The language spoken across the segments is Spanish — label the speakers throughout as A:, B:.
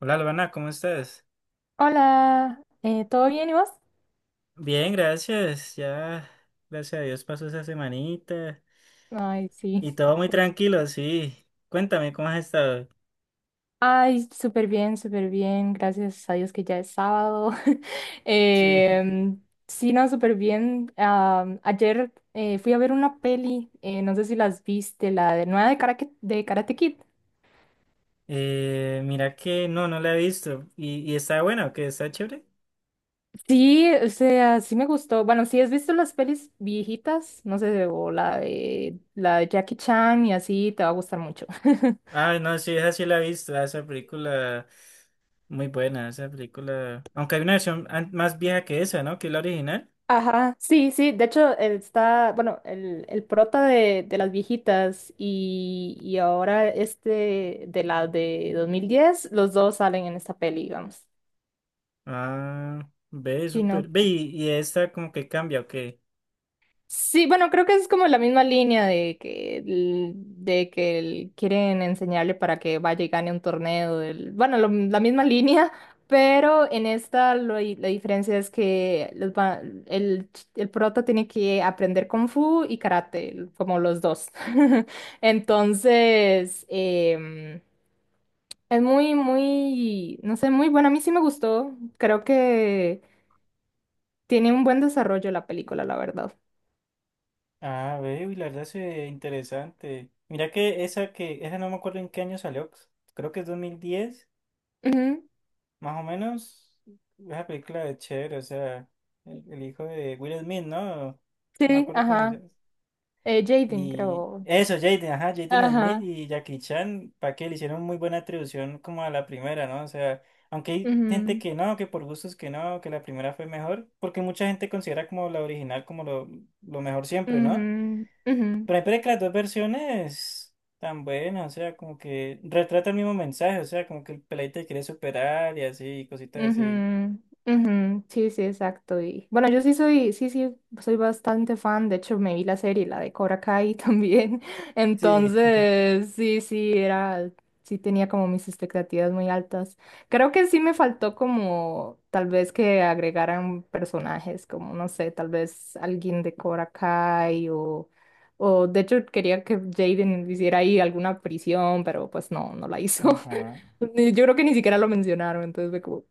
A: Hola, Albana, ¿cómo estás?
B: Hola, ¿todo bien y vos?
A: Bien, gracias. Ya, gracias a Dios pasó esa semanita
B: Ay, sí.
A: y todo muy
B: Disculpa.
A: tranquilo, sí. Cuéntame, ¿cómo has estado?
B: Ay, súper bien, súper bien. Gracias a Dios que ya es sábado.
A: Sí.
B: Em, sí, no, súper bien. Ayer fui a ver una peli, no sé si las viste, la de nueva de Karate Kid.
A: Mira que no la he visto. ¿Y está buena o qué? ¿Está chévere?
B: Sí, o sea, sí me gustó. Bueno, si has visto las pelis viejitas, no sé, o la de Jackie Chan y así, te va a gustar mucho.
A: Ah, no, sí, esa sí la he visto. Esa película, muy buena, esa película. Aunque hay una versión más vieja que esa, ¿no? Que es la original.
B: Ajá, sí, sí, de hecho está, bueno, el prota de las viejitas y ahora este de la de 2010, los dos salen en esta peli, digamos.
A: Ah, ve,
B: Sí,
A: súper.
B: no,
A: Ve, y esta como que cambia, ¿ok?
B: sí, bueno, creo que es como la misma línea de que, quieren enseñarle para que vaya y gane un torneo. Bueno, la misma línea, pero en esta la diferencia es que el, el prota tiene que aprender Kung Fu y Karate, como los dos. Entonces, es muy, muy, no sé, muy bueno. A mí sí me gustó. Creo que tiene un buen desarrollo la película, la verdad.
A: Ah, veo y la verdad se ve interesante. Mira que esa no me acuerdo en qué año salió. Creo que es 2010
B: Ujú,
A: más o menos. Esa película de chévere, o sea, el hijo de Will Smith, ¿no? No me
B: sí,
A: acuerdo cómo se
B: ajá.
A: llama.
B: Jaden,
A: Y
B: creo.
A: eso, Jaden, ajá, Jaden Smith
B: Ajá.
A: y Jackie Chan, para que le hicieron muy buena atribución como a la primera, ¿no? O sea, aunque hay gente
B: Ujú,
A: que no, que por gustos que no, que la primera fue mejor, porque mucha gente considera como la original como lo mejor siempre, ¿no?
B: ujú, ujú.
A: Pero hay que las dos versiones tan buenas, o sea, como que retrata el mismo mensaje, o sea, como que el peladito quiere superar y así, y cositas así.
B: Ujú, ujú, sí, sí, exacto. Y bueno, yo sí soy, sí, sí, soy bastante fan. De hecho, me vi la serie, la de Cobra Kai también.
A: Sí.
B: Entonces, sí, sí, era, sí tenía como mis expectativas muy altas. Creo que sí me faltó como tal vez que agregaran personajes, como no sé, tal vez alguien de Cobra Kai o de hecho quería que Jaden hiciera ahí alguna prisión, pero pues no, no la hizo.
A: Ajá.
B: Yo creo que ni siquiera lo mencionaron, entonces fue como,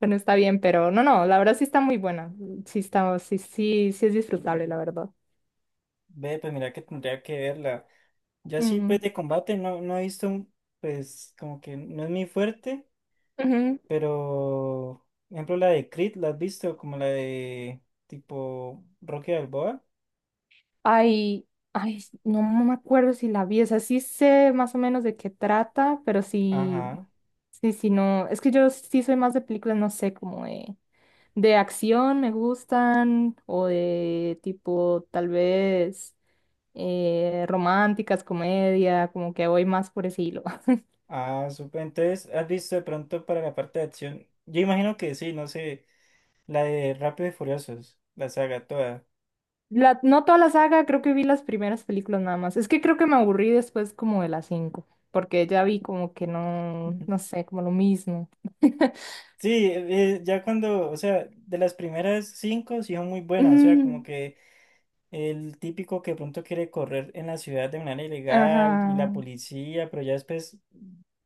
B: bueno, está bien, pero no, no, la verdad sí está muy buena. Sí está, sí, sí, sí es disfrutable, la verdad.
A: Ve, pues mira que tendría que verla. Yo así,
B: Ujú,
A: pues de combate no he visto, pues como que no es muy fuerte,
B: ujú.
A: pero, por ejemplo, la de Creed, ¿la has visto? Como la de tipo Rocky Balboa.
B: Ay, ay, no no me acuerdo si la vi, o sea, sí sé más o menos de qué trata, pero sí,
A: Ajá.
B: sí, sí, no, es que yo sí soy más de películas, no sé, como de acción me gustan, o de tipo, tal vez, románticas, comedia, como que voy más por ese hilo.
A: Ah, súper. Entonces, ¿has visto de pronto para la parte de acción? Yo imagino que sí, no sé. La de Rápido y Furiosos, la saga toda.
B: La, no toda la saga, creo que vi las primeras películas nada más. Es que creo que me aburrí después como de las cinco, porque ya vi como que no, no sé, como lo mismo.
A: Sí, ya cuando, o sea, de las primeras cinco sí son muy buenas, o sea, como
B: Mm,
A: que el típico que de pronto quiere correr en la ciudad de manera ilegal y la
B: ajá,
A: policía, pero ya después,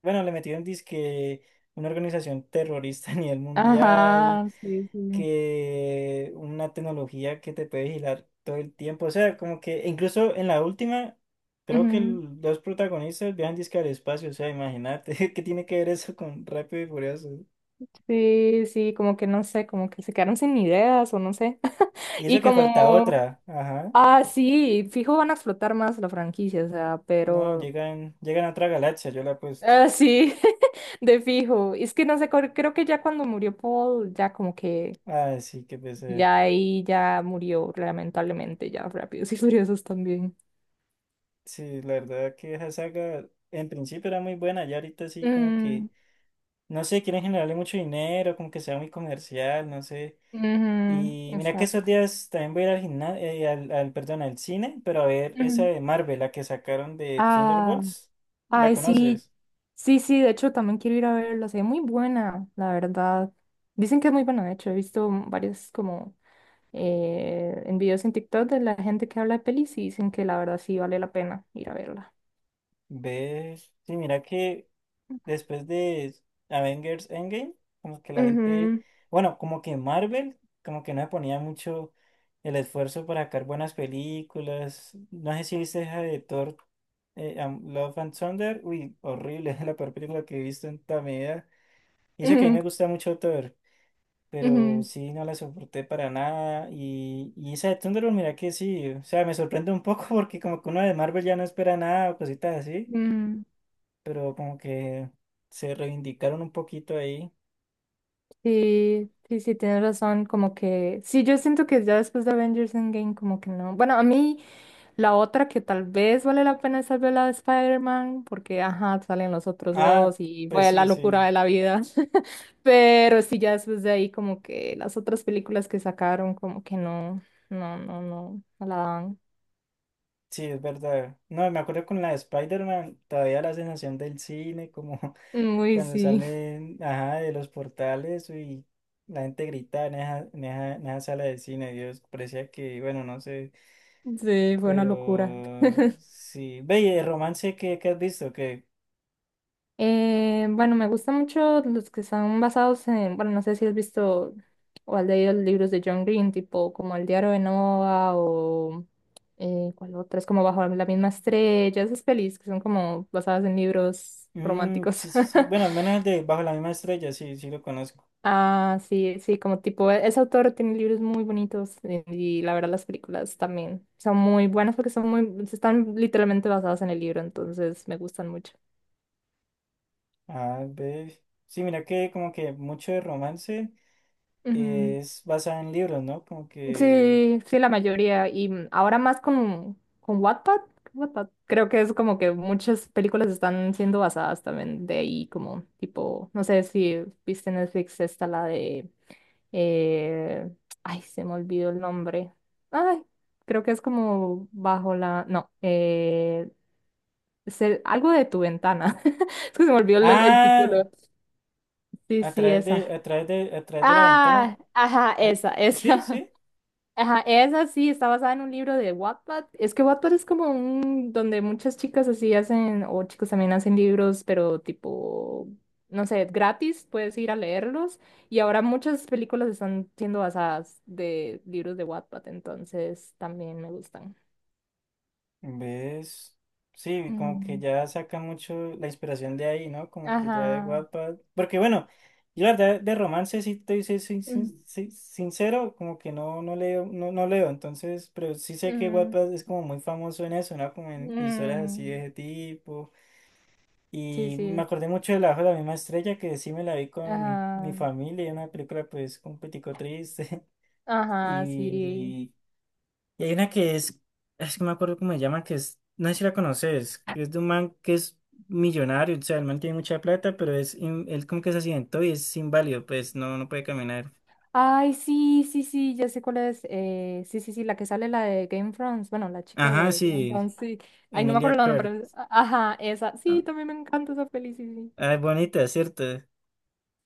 A: bueno, le metieron disque una organización terrorista a nivel mundial.
B: ajá, sí, sí.
A: Que una tecnología que te puede vigilar todo el tiempo. O sea, como que incluso en la última, creo que
B: Ujú,
A: los protagonistas viajan disque al espacio. O sea, imagínate, ¿qué tiene que ver eso con Rápido y Furioso?
B: sí, sí, como que no sé, como que se quedaron sin ideas o no sé.
A: Y eso
B: Y
A: que falta
B: como,
A: otra. Ajá.
B: ah, sí, fijo van a explotar más la franquicia, o sea,
A: No,
B: pero,
A: llegan a otra galaxia, yo la apuesto.
B: ah, sí, de fijo. Es que no sé, creo que ya cuando murió Paul, ya como que
A: Ah, sí, qué pesar.
B: ya ahí ya murió, lamentablemente, ya Rápidos y Furiosos también.
A: Sí, la verdad que esa saga en principio era muy buena, ya ahorita sí como que,
B: Mm,
A: no sé, quieren generarle mucho dinero, como que sea muy comercial, no sé.
B: ujú,
A: Y mira que esos
B: exacto.
A: días también voy a ir al gimnasio, perdón, al cine, pero a ver esa
B: Ujú.
A: de Marvel, la que sacaron de
B: Ah,
A: Thunderbolts, ¿la
B: ay, sí,
A: conoces?
B: sí, sí, de hecho también quiero ir a verla, se ve muy buena, la verdad. Dicen que es muy buena, de hecho, he visto varios como en videos en TikTok de la gente que habla de pelis y dicen que la verdad sí vale la pena ir a verla.
A: ¿Ves? Sí, mira que después de Avengers Endgame, como que la gente,
B: Ujú,
A: bueno, como que Marvel, como que no le ponía mucho el esfuerzo para sacar buenas películas. No sé si viste esa de Thor, Love and Thunder, uy, horrible, la peor película que he visto en toda mi vida. Y eso que a mí
B: ujú,
A: me gusta mucho Thor. Pero
B: ujú,
A: sí, no la soporté para nada. Y esa de Thunderbolt, mira que sí, o sea, me sorprende un poco porque como que uno de Marvel ya no espera nada o cositas así,
B: ujú.
A: pero como que se reivindicaron un poquito ahí.
B: Sí, sí, sí, tienes razón, como que sí, yo siento que ya después de Avengers Endgame como que no. Bueno, a mí la otra que tal vez vale la pena es ver la de Spider-Man, porque ajá, salen los otros
A: Ah,
B: dos y
A: pues
B: fue la
A: sí,
B: locura
A: sí,
B: de la vida. Pero sí, ya después de ahí como que las otras películas que sacaron como que no, no, no, no, no la dan.
A: sí, es verdad. No, me acuerdo con la de Spider-Man, todavía la sensación del cine, como
B: Muy
A: cuando
B: sí,
A: salen, ajá, de los portales y la gente grita en en esa sala de cine, Dios, parecía que, bueno, no sé.
B: sí, fue una locura.
A: Pero sí, ve, y de romance que, has visto, que
B: Bueno, me gustan mucho los que están basados en, bueno, no sé si has visto o has leído los libros de John Green, tipo como El diario de Noah o ¿cuál otra? Es como Bajo la misma estrella, esas pelis que son como basadas en libros
A: mm,
B: románticos.
A: sí, sí, sí. Bueno, al menos el de Bajo la misma estrella, sí, sí lo conozco.
B: Ah, sí, sí, como tipo, ese autor tiene libros muy bonitos y, la verdad las películas también son muy buenas porque son muy, están literalmente basadas en el libro, entonces me gustan mucho.
A: Ah, ve. Sí, mira que como que mucho de romance
B: Ujú.
A: es basado en libros, ¿no? Como que.
B: Sí, sí, la mayoría. Y mm, ahora más con Wattpad, Wattpad. Creo que es como que muchas películas están siendo basadas también de ahí, como tipo, no sé si viste Netflix esta, la de... eh, ay, se me olvidó el nombre. Ay, creo que es como bajo la... No, algo de tu ventana. Es que se me olvidó el
A: Ah,
B: título. Sí, sí, esa.
A: a través de la ventana.
B: Ah, ajá,
A: Al-
B: esa,
A: Sí,
B: esa.
A: sí.
B: Ajá, esa sí, está basada en un libro de Wattpad. Es que Wattpad es como un donde muchas chicas así hacen, o chicos también hacen libros, pero tipo, no sé, gratis, puedes ir a leerlos. Y ahora muchas películas están siendo basadas de libros de Wattpad, entonces también me gustan.
A: ¿Ves? Sí, como que
B: Mm,
A: ya saca mucho la inspiración de ahí, ¿no? Como que ya de
B: ajá.
A: Wattpad. Porque bueno, yo la verdad de romance sí estoy
B: Mm,
A: sincero, como que no leo, no leo, entonces, pero sí sé que
B: mm,
A: Wattpad es como muy famoso en eso, ¿no? Como en historias así de
B: mm.
A: ese tipo.
B: Sí,
A: Y me
B: sí.
A: acordé mucho de La Bajo de la misma estrella, que sí me la vi con mi
B: Ajá.
A: familia, y una película pues un poquitico triste.
B: Ajá, sí.
A: Y y hay una es que no me acuerdo cómo se llama, que es, no sé si la conoces, que es de un man que es millonario, o sea, el man tiene mucha plata, pero él como que se accidentó y es inválido, pues no, no puede caminar.
B: Ay, sí, sí, sí, ya sé cuál es. Sí, sí, sí, la que sale, la de Game of Thrones. Bueno, la chica
A: Ajá,
B: de Game of
A: sí,
B: Thrones, sí. Ay, no me
A: Emilia
B: acuerdo el nombre.
A: Clarke.
B: Ajá, esa. Sí, también me encanta esa peli, sí, sí.
A: Ah, es bonita, ¿cierto?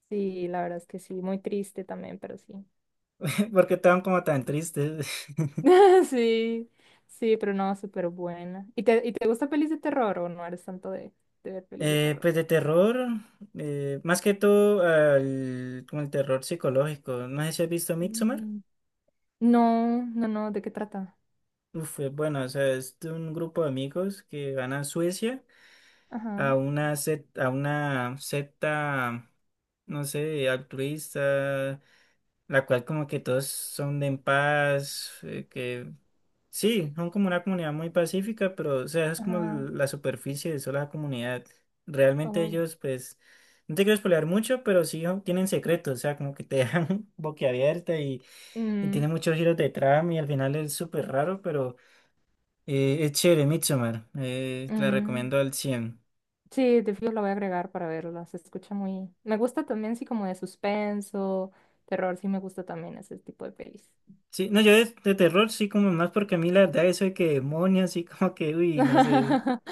B: Sí, la verdad es que sí, muy triste también, pero sí.
A: Porque estaban como tan tristes.
B: Sí, sí, pero no, súper buena. Y te gusta pelis de terror o no eres tanto de ver pelis de terror?
A: Pues de terror, más que todo como el terror psicológico. No sé si has visto Midsommar.
B: Mm, no, no, no, ¿de qué trata?
A: Uf, es bueno, o sea, es de un grupo de amigos que van a Suecia
B: Ajá,
A: a una secta, no sé, altruista, la cual como que todos son de en paz, que sí, son como una comunidad muy pacífica, pero o sea, esa es como
B: ajá.
A: la superficie de sola comunidad. Realmente
B: Oh.
A: ellos, pues, no te quiero spoilear mucho, pero sí son- tienen secretos, o sea, como que te dejan boquiabierta y
B: Mm,
A: tiene muchos giros de trama y al final es súper raro, pero es chévere, Midsommar, te la
B: mm.
A: recomiendo al cien.
B: Sí, de fijo la voy a agregar para verla. Se escucha muy... Me gusta también, sí, como de suspenso, terror, sí me gusta también ese tipo de pelis.
A: Sí, no, yo de terror sí como más porque a mí la verdad eso de que demonios sí como que, uy, no sé.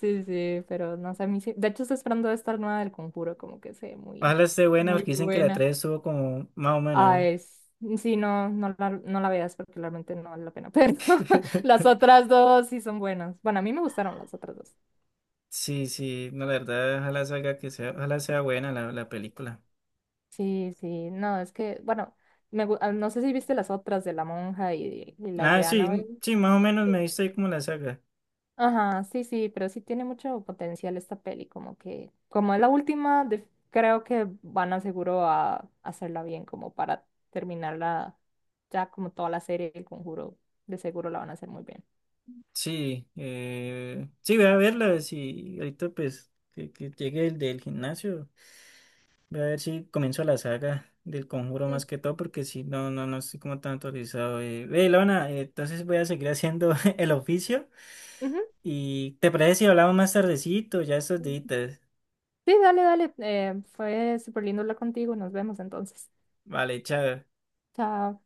B: Sí, sí, pero no sé, a mí sí... De hecho, estoy esperando esta nueva del Conjuro, como que se muy,
A: Ojalá esté buena
B: muy
A: porque dicen que la
B: buena.
A: tres estuvo como más o
B: Ah,
A: menos.
B: es... Sí, no, no la, no la veas porque realmente no vale la pena, pero las otras dos sí son buenas. Bueno, a mí me gustaron las otras dos.
A: Sí, sí, no, la verdad, ojalá salga que sea, ojalá sea buena la película.
B: Sí, sí, no, es que, bueno, me, ah, no sé si viste las otras de La Monja y las
A: Ah,
B: de
A: sí,
B: Annabelle.
A: sí, más o menos me viste ahí como la saga.
B: Ajá, sí, sí, pero sí tiene mucho potencial esta peli, como que, como es la última, creo que van a seguro a hacerla bien, como para terminarla ya como toda la serie, el conjuro, de seguro la van a hacer muy bien.
A: Sí, sí, voy a verla, si ahorita pues que llegue el del gimnasio. Voy a ver si comienzo la saga del Conjuro
B: Mm,
A: más que todo, porque si no, no, no estoy como tan autorizado. Ve, Lona, entonces voy a seguir haciendo el oficio. ¿Y te parece si hablamos más tardecito, ya estos
B: ujú.
A: días?
B: Sí, dale, dale, fue súper lindo hablar contigo, nos vemos entonces.
A: Vale, chao.
B: Chao.